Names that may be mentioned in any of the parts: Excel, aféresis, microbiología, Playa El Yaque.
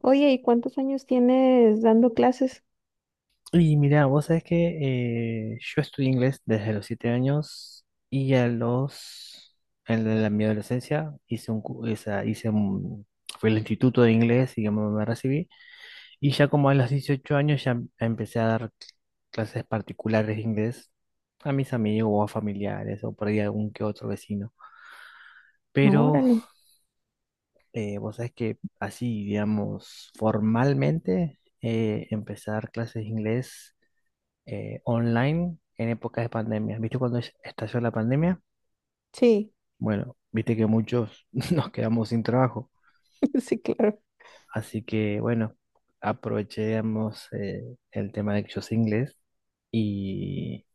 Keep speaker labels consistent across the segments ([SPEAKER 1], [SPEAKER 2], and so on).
[SPEAKER 1] Oye, ¿y cuántos años tienes dando clases?
[SPEAKER 2] Y mira, vos sabés que yo estudié inglés desde los 7 años y a los, en mi adolescencia hice un, cu- esa- hice un- fui al instituto de inglés y me recibí. Y ya como a los 18 años empecé a dar clases particulares de inglés a mis amigos o a familiares o por ahí a algún que otro vecino.
[SPEAKER 1] No,
[SPEAKER 2] Pero
[SPEAKER 1] órale.
[SPEAKER 2] vos sabés que así, digamos, formalmente, empecé a dar clases de inglés online en épocas de pandemia. ¿Viste cuando estalló la pandemia?
[SPEAKER 1] Sí.
[SPEAKER 2] Bueno, viste que muchos nos quedamos sin trabajo.
[SPEAKER 1] Sí, claro.
[SPEAKER 2] Así que, bueno, aprovechemos, el tema de que yo sé inglés y,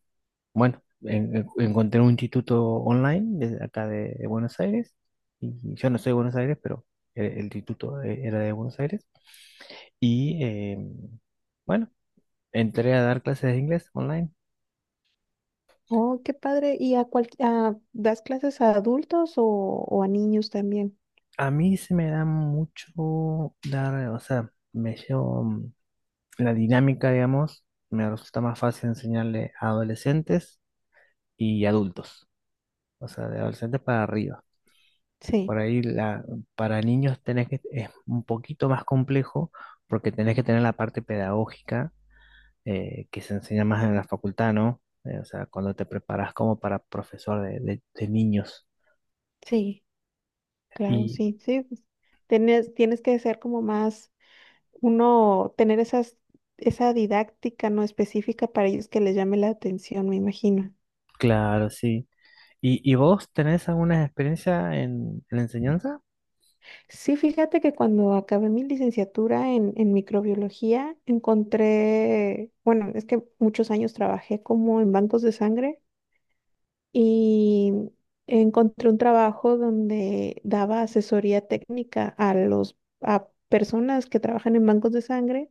[SPEAKER 2] bueno, encontré un instituto online de acá de Buenos Aires. Y yo no soy de Buenos Aires, pero el instituto, era de Buenos Aires. Y, bueno, entré a dar clases de inglés online.
[SPEAKER 1] Oh, qué padre. ¿Y a cual, das clases a adultos o a niños también?
[SPEAKER 2] A mí se me da mucho dar, o sea, me llevo la dinámica, digamos, me resulta más fácil enseñarle a adolescentes y adultos, o sea, de adolescentes para arriba.
[SPEAKER 1] Sí.
[SPEAKER 2] Por ahí la, para niños tenés que, es un poquito más complejo porque tenés que tener la parte pedagógica, que se enseña más en la facultad, ¿no? O sea, cuando te preparas como para profesor de niños.
[SPEAKER 1] Sí, claro,
[SPEAKER 2] Y
[SPEAKER 1] sí, sí, pues, tienes, tienes que ser como más, uno, tener esas, esa didáctica no específica para ellos que les llame la atención, me imagino.
[SPEAKER 2] claro, sí. Y vos tenés alguna experiencia en la enseñanza?
[SPEAKER 1] Sí, fíjate que cuando acabé mi licenciatura en microbiología, encontré, bueno, es que muchos años trabajé como en bancos de sangre y encontré un trabajo donde daba asesoría técnica a los, a personas que trabajan en bancos de sangre.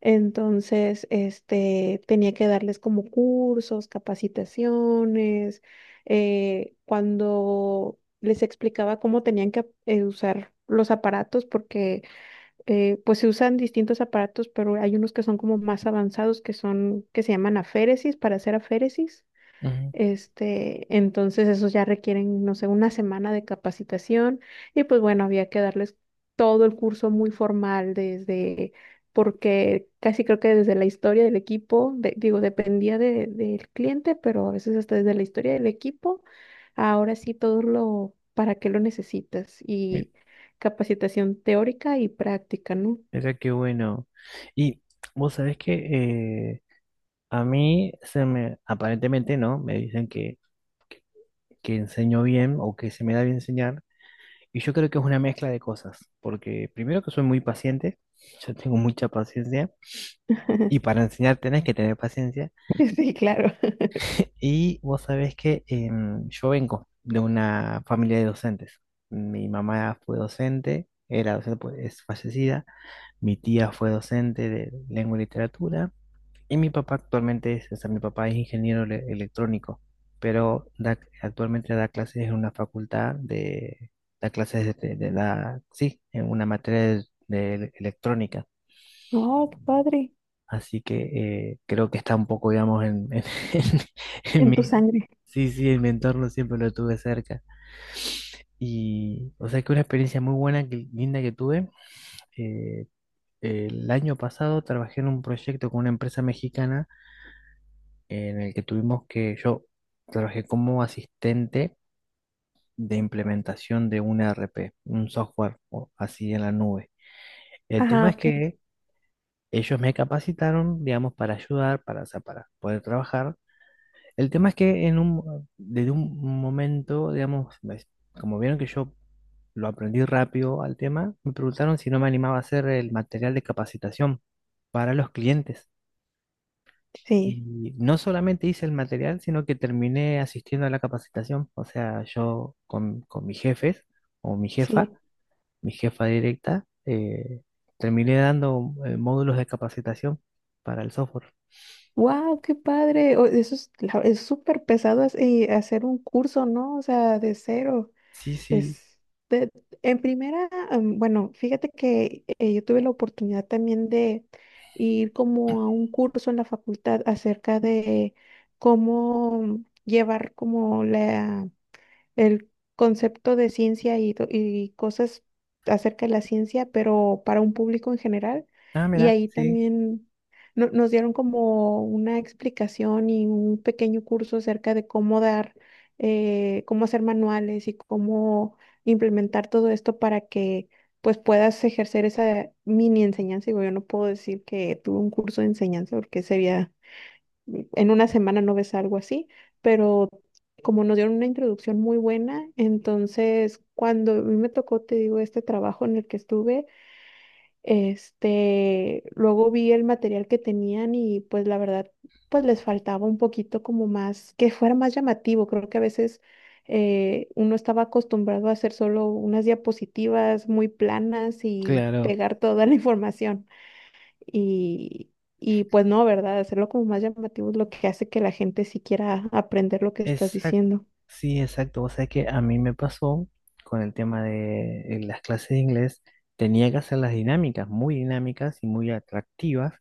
[SPEAKER 1] Entonces, este, tenía que darles como cursos, capacitaciones, cuando les explicaba cómo tenían que usar los aparatos, porque pues se usan distintos aparatos, pero hay unos que son como más avanzados, que son, que se llaman aféresis, para hacer aféresis.
[SPEAKER 2] Ujú.
[SPEAKER 1] Este, entonces esos ya requieren, no sé, una semana de capacitación y pues bueno, había que darles todo el curso muy formal desde, porque casi creo que desde la historia del equipo, digo, dependía del cliente, pero a veces hasta desde la historia del equipo, ahora sí todo lo, para qué lo necesitas
[SPEAKER 2] Mi-
[SPEAKER 1] y capacitación teórica y práctica, ¿no?
[SPEAKER 2] Mira qué bueno. Y vos sabés que, eh, a mí se me, aparentemente, ¿no? Me dicen que, que enseño bien o que se me da bien enseñar. Y yo creo que es una mezcla de cosas, porque primero que soy muy paciente, yo tengo mucha paciencia, y para enseñar tenés que tener paciencia.
[SPEAKER 1] Sí, claro.
[SPEAKER 2] Y vos sabés que, yo vengo de una familia de docentes. Mi mamá fue docente, era docente, pues, es fallecida. Mi tía fue docente de lengua y literatura. Y mi papá actualmente es, o sea, mi papá es ingeniero electrónico, pero actualmente da clases en una facultad de, da clases sí, en una materia de electrónica.
[SPEAKER 1] Oh, qué padre.
[SPEAKER 2] Así que, creo que está un poco, digamos, en en- en
[SPEAKER 1] En tu
[SPEAKER 2] mi...
[SPEAKER 1] sangre.
[SPEAKER 2] Sí, sí, en mi entorno siempre lo tuve cerca. Y, o sea, que una experiencia muy buena, que, linda que tuve. eh, el año pasado trabajé en un proyecto con una empresa mexicana en el que tuvimos que, yo trabajé como asistente de implementación de un ERP, un software o así en la nube. El
[SPEAKER 1] Ajá,
[SPEAKER 2] tema es
[SPEAKER 1] ok.
[SPEAKER 2] que ellos me capacitaron, digamos, para ayudar, para, o sea, para poder trabajar. El tema es que desde un momento, digamos, ves, como vieron que yo lo aprendí rápido al tema, me preguntaron si no me animaba a hacer el material de capacitación para los clientes.
[SPEAKER 1] Sí,
[SPEAKER 2] Y no solamente hice el material, sino que terminé asistiendo a la capacitación. O sea, yo con mis jefes o
[SPEAKER 1] sí.
[SPEAKER 2] mi jefa directa, terminé dando, módulos de capacitación para el software.
[SPEAKER 1] ¡Wow! ¡Qué padre! Eso es, es súper pesado hacer un curso, ¿no? O sea, de cero.
[SPEAKER 2] Sí, sí.
[SPEAKER 1] Es de- en primera, am, bueno, fíjate que yo tuve la oportunidad también de ir como a un curso en la facultad acerca de cómo llevar como la, el concepto de ciencia y, y cosas acerca de la ciencia, pero para un público en general.
[SPEAKER 2] Ah,
[SPEAKER 1] Y
[SPEAKER 2] mira,
[SPEAKER 1] ahí
[SPEAKER 2] sí,
[SPEAKER 1] también nos dieron como una explicación y un pequeño curso acerca de cómo dar, cómo hacer manuales y cómo implementar todo esto para que pues puedas ejercer esa mini enseñanza. Digo, yo no puedo decir que tuve un curso de enseñanza porque sería, en una semana no ves algo así, pero como nos dieron una introducción muy buena, entonces cuando a mí me tocó, te digo, este trabajo en el que estuve, este, luego vi el material que tenían y pues la verdad, pues les faltaba un poquito como más, que fuera más llamativo, creo que a veces uno estaba acostumbrado a hacer solo unas diapositivas muy planas y
[SPEAKER 2] claro.
[SPEAKER 1] pegar toda la información, y, y pues no, ¿verdad? Hacerlo como más llamativo es lo que hace que la gente sí quiera aprender lo que estás
[SPEAKER 2] Exacto,
[SPEAKER 1] diciendo.
[SPEAKER 2] sí, exacto. O sea que a mí me pasó con el tema de en las clases de inglés, tenía que hacer las dinámicas, muy dinámicas y muy atractivas,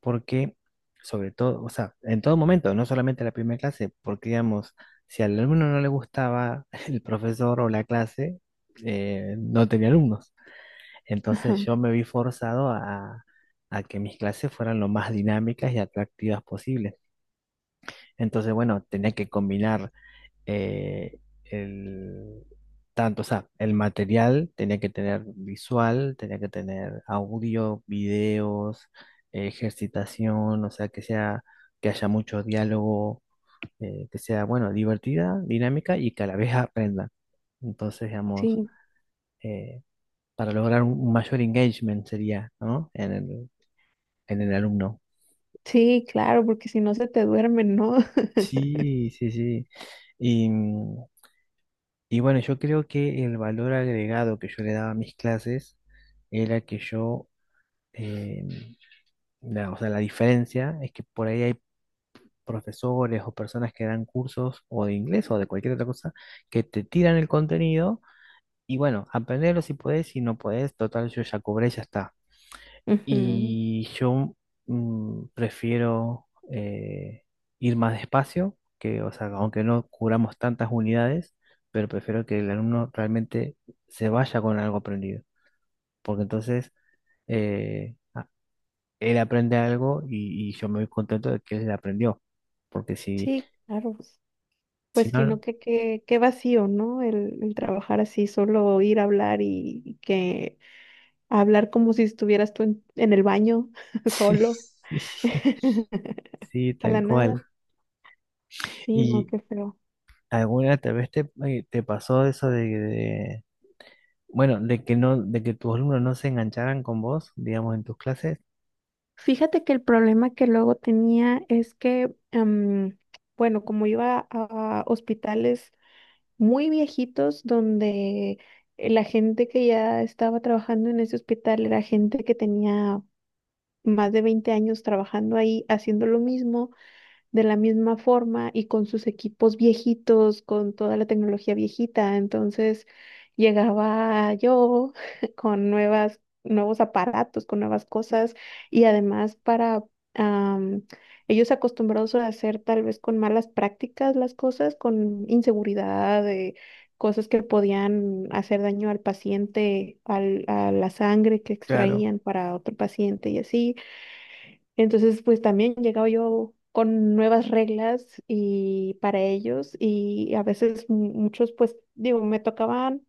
[SPEAKER 2] porque sobre todo, o sea, en todo momento, no solamente la primera clase, porque digamos, si al alumno no le gustaba el profesor o la clase, no tenía alumnos. Entonces
[SPEAKER 1] Ajá.
[SPEAKER 2] yo me vi forzado a que mis clases fueran lo más dinámicas y atractivas posibles. Entonces, bueno, tenía que combinar, eh, el, tanto, o sea, el material tenía que tener visual, tenía que tener audio, videos, ejercitación, o sea, que haya mucho diálogo, que sea, bueno, divertida, dinámica y que a la vez aprenda. Entonces, digamos,
[SPEAKER 1] Sí,
[SPEAKER 2] eh, para lograr un mayor engagement sería, ¿no? En el alumno.
[SPEAKER 1] sí, claro, porque si no se te duermen, ¿no?
[SPEAKER 2] Sí, sí, sí. Y, y bueno, yo creo que el valor agregado que yo le daba a mis clases era que yo, eh, o sea, la diferencia es que por ahí hay profesores o personas que dan cursos o de inglés o de cualquier otra cosa que te tiran el contenido y bueno, aprenderlo si podés, si no podés, total, yo ya cobré, ya está.
[SPEAKER 1] Ujú.
[SPEAKER 2] Y yo, prefiero, ir más despacio, que, o sea, aunque no cubramos tantas unidades, pero prefiero que el alumno realmente se vaya con algo aprendido, porque entonces, eh, a- él aprende algo y yo me voy contento de que él aprendió, porque si,
[SPEAKER 1] Sí, claro.
[SPEAKER 2] si
[SPEAKER 1] Pues sino
[SPEAKER 2] no,
[SPEAKER 1] que qué qué vacío, ¿no? El trabajar así, solo ir a hablar y que hablar como si estuvieras tú en el baño, solo,
[SPEAKER 2] sí, sí, sí,
[SPEAKER 1] a la
[SPEAKER 2] tal
[SPEAKER 1] nada.
[SPEAKER 2] cual.
[SPEAKER 1] Sí, no,
[SPEAKER 2] ¿Y
[SPEAKER 1] qué feo.
[SPEAKER 2] alguna tal vez te, te pasó eso de, bueno, de que no, de que tus alumnos no se engancharan con vos, digamos, en tus clases?
[SPEAKER 1] Fíjate que el problema que luego tenía es que, bueno, como iba a hospitales muy viejitos donde la gente que ya estaba trabajando en ese hospital era gente que tenía más de 20 años trabajando ahí haciendo lo mismo de la misma forma y con sus equipos viejitos, con toda la tecnología viejita. Entonces llegaba yo con nuevas, nuevos aparatos, con nuevas cosas y además para am, ellos acostumbrados a hacer tal vez con malas prácticas las cosas, con inseguridad, de cosas que podían hacer daño al paciente, al, a la sangre que
[SPEAKER 2] Claro,
[SPEAKER 1] extraían para otro paciente y así. Entonces, pues también llegaba yo con nuevas reglas y para ellos y a veces muchos, pues digo, me tocaban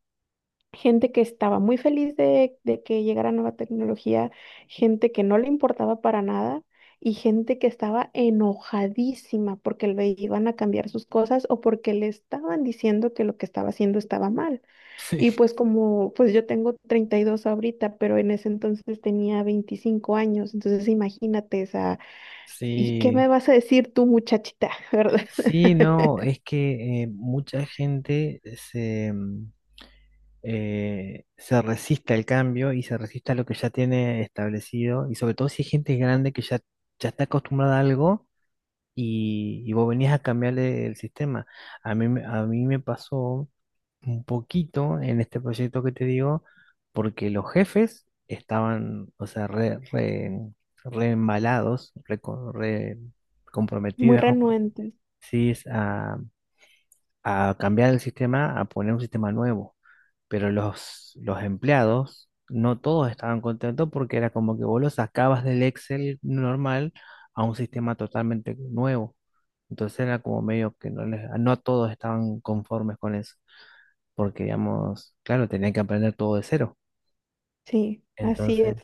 [SPEAKER 1] gente que estaba muy feliz de que llegara nueva tecnología, gente que no le importaba para nada y gente que estaba enojadísima porque le iban a cambiar sus cosas o porque le estaban diciendo que lo que estaba haciendo estaba mal.
[SPEAKER 2] sí,
[SPEAKER 1] Y pues como, pues yo tengo 32 ahorita, pero en ese entonces tenía 25 años, entonces imagínate esa. ¿Y qué me
[SPEAKER 2] sí,
[SPEAKER 1] vas a decir tú, muchachita? ¿Verdad?
[SPEAKER 2] sí, no, es que, mucha gente se, se resiste al cambio y se resiste a lo que ya tiene establecido, y sobre todo si hay gente grande que ya, ya está acostumbrada a algo y vos venías a cambiarle el sistema. A mí, a mí me pasó un poquito en este proyecto que te digo, porque los jefes estaban, o sea, re, re, re embalados, re
[SPEAKER 1] Muy
[SPEAKER 2] comprometidos, digamos,
[SPEAKER 1] renuentes.
[SPEAKER 2] sí, es a cambiar el sistema, a poner un sistema nuevo. Pero los empleados, no todos estaban contentos porque era como que vos los sacabas del Excel normal a un sistema totalmente nuevo. Entonces era como medio que no, no todos estaban conformes con eso porque, digamos, claro, tenían que aprender todo de cero.
[SPEAKER 1] Sí, así
[SPEAKER 2] Entonces,
[SPEAKER 1] es.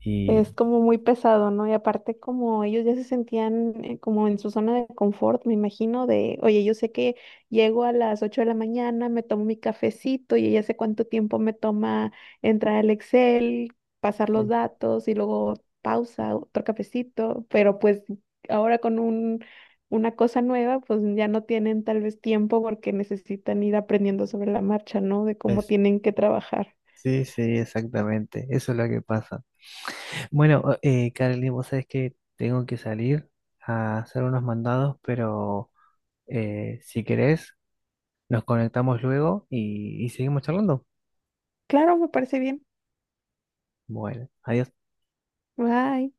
[SPEAKER 2] y
[SPEAKER 1] Es como muy pesado, ¿no? Y aparte como ellos ya se sentían como en su zona de confort, me imagino, de, oye, yo sé que llego a las 8 de la mañana, me tomo mi cafecito y ya sé cuánto tiempo me toma entrar al Excel, pasar los
[SPEAKER 2] sí,
[SPEAKER 1] datos y luego pausa, otro cafecito, pero pues ahora con un, una cosa nueva, pues ya no tienen tal vez tiempo porque necesitan ir aprendiendo sobre la marcha, ¿no? De cómo
[SPEAKER 2] es-
[SPEAKER 1] tienen que trabajar.
[SPEAKER 2] sí, sí, exactamente, eso es lo que pasa. Bueno, Carly, vos sabés que tengo que salir a hacer unos mandados, pero si querés, nos conectamos luego y seguimos charlando.
[SPEAKER 1] Claro, me parece bien.
[SPEAKER 2] Bueno, adiós.
[SPEAKER 1] Bye.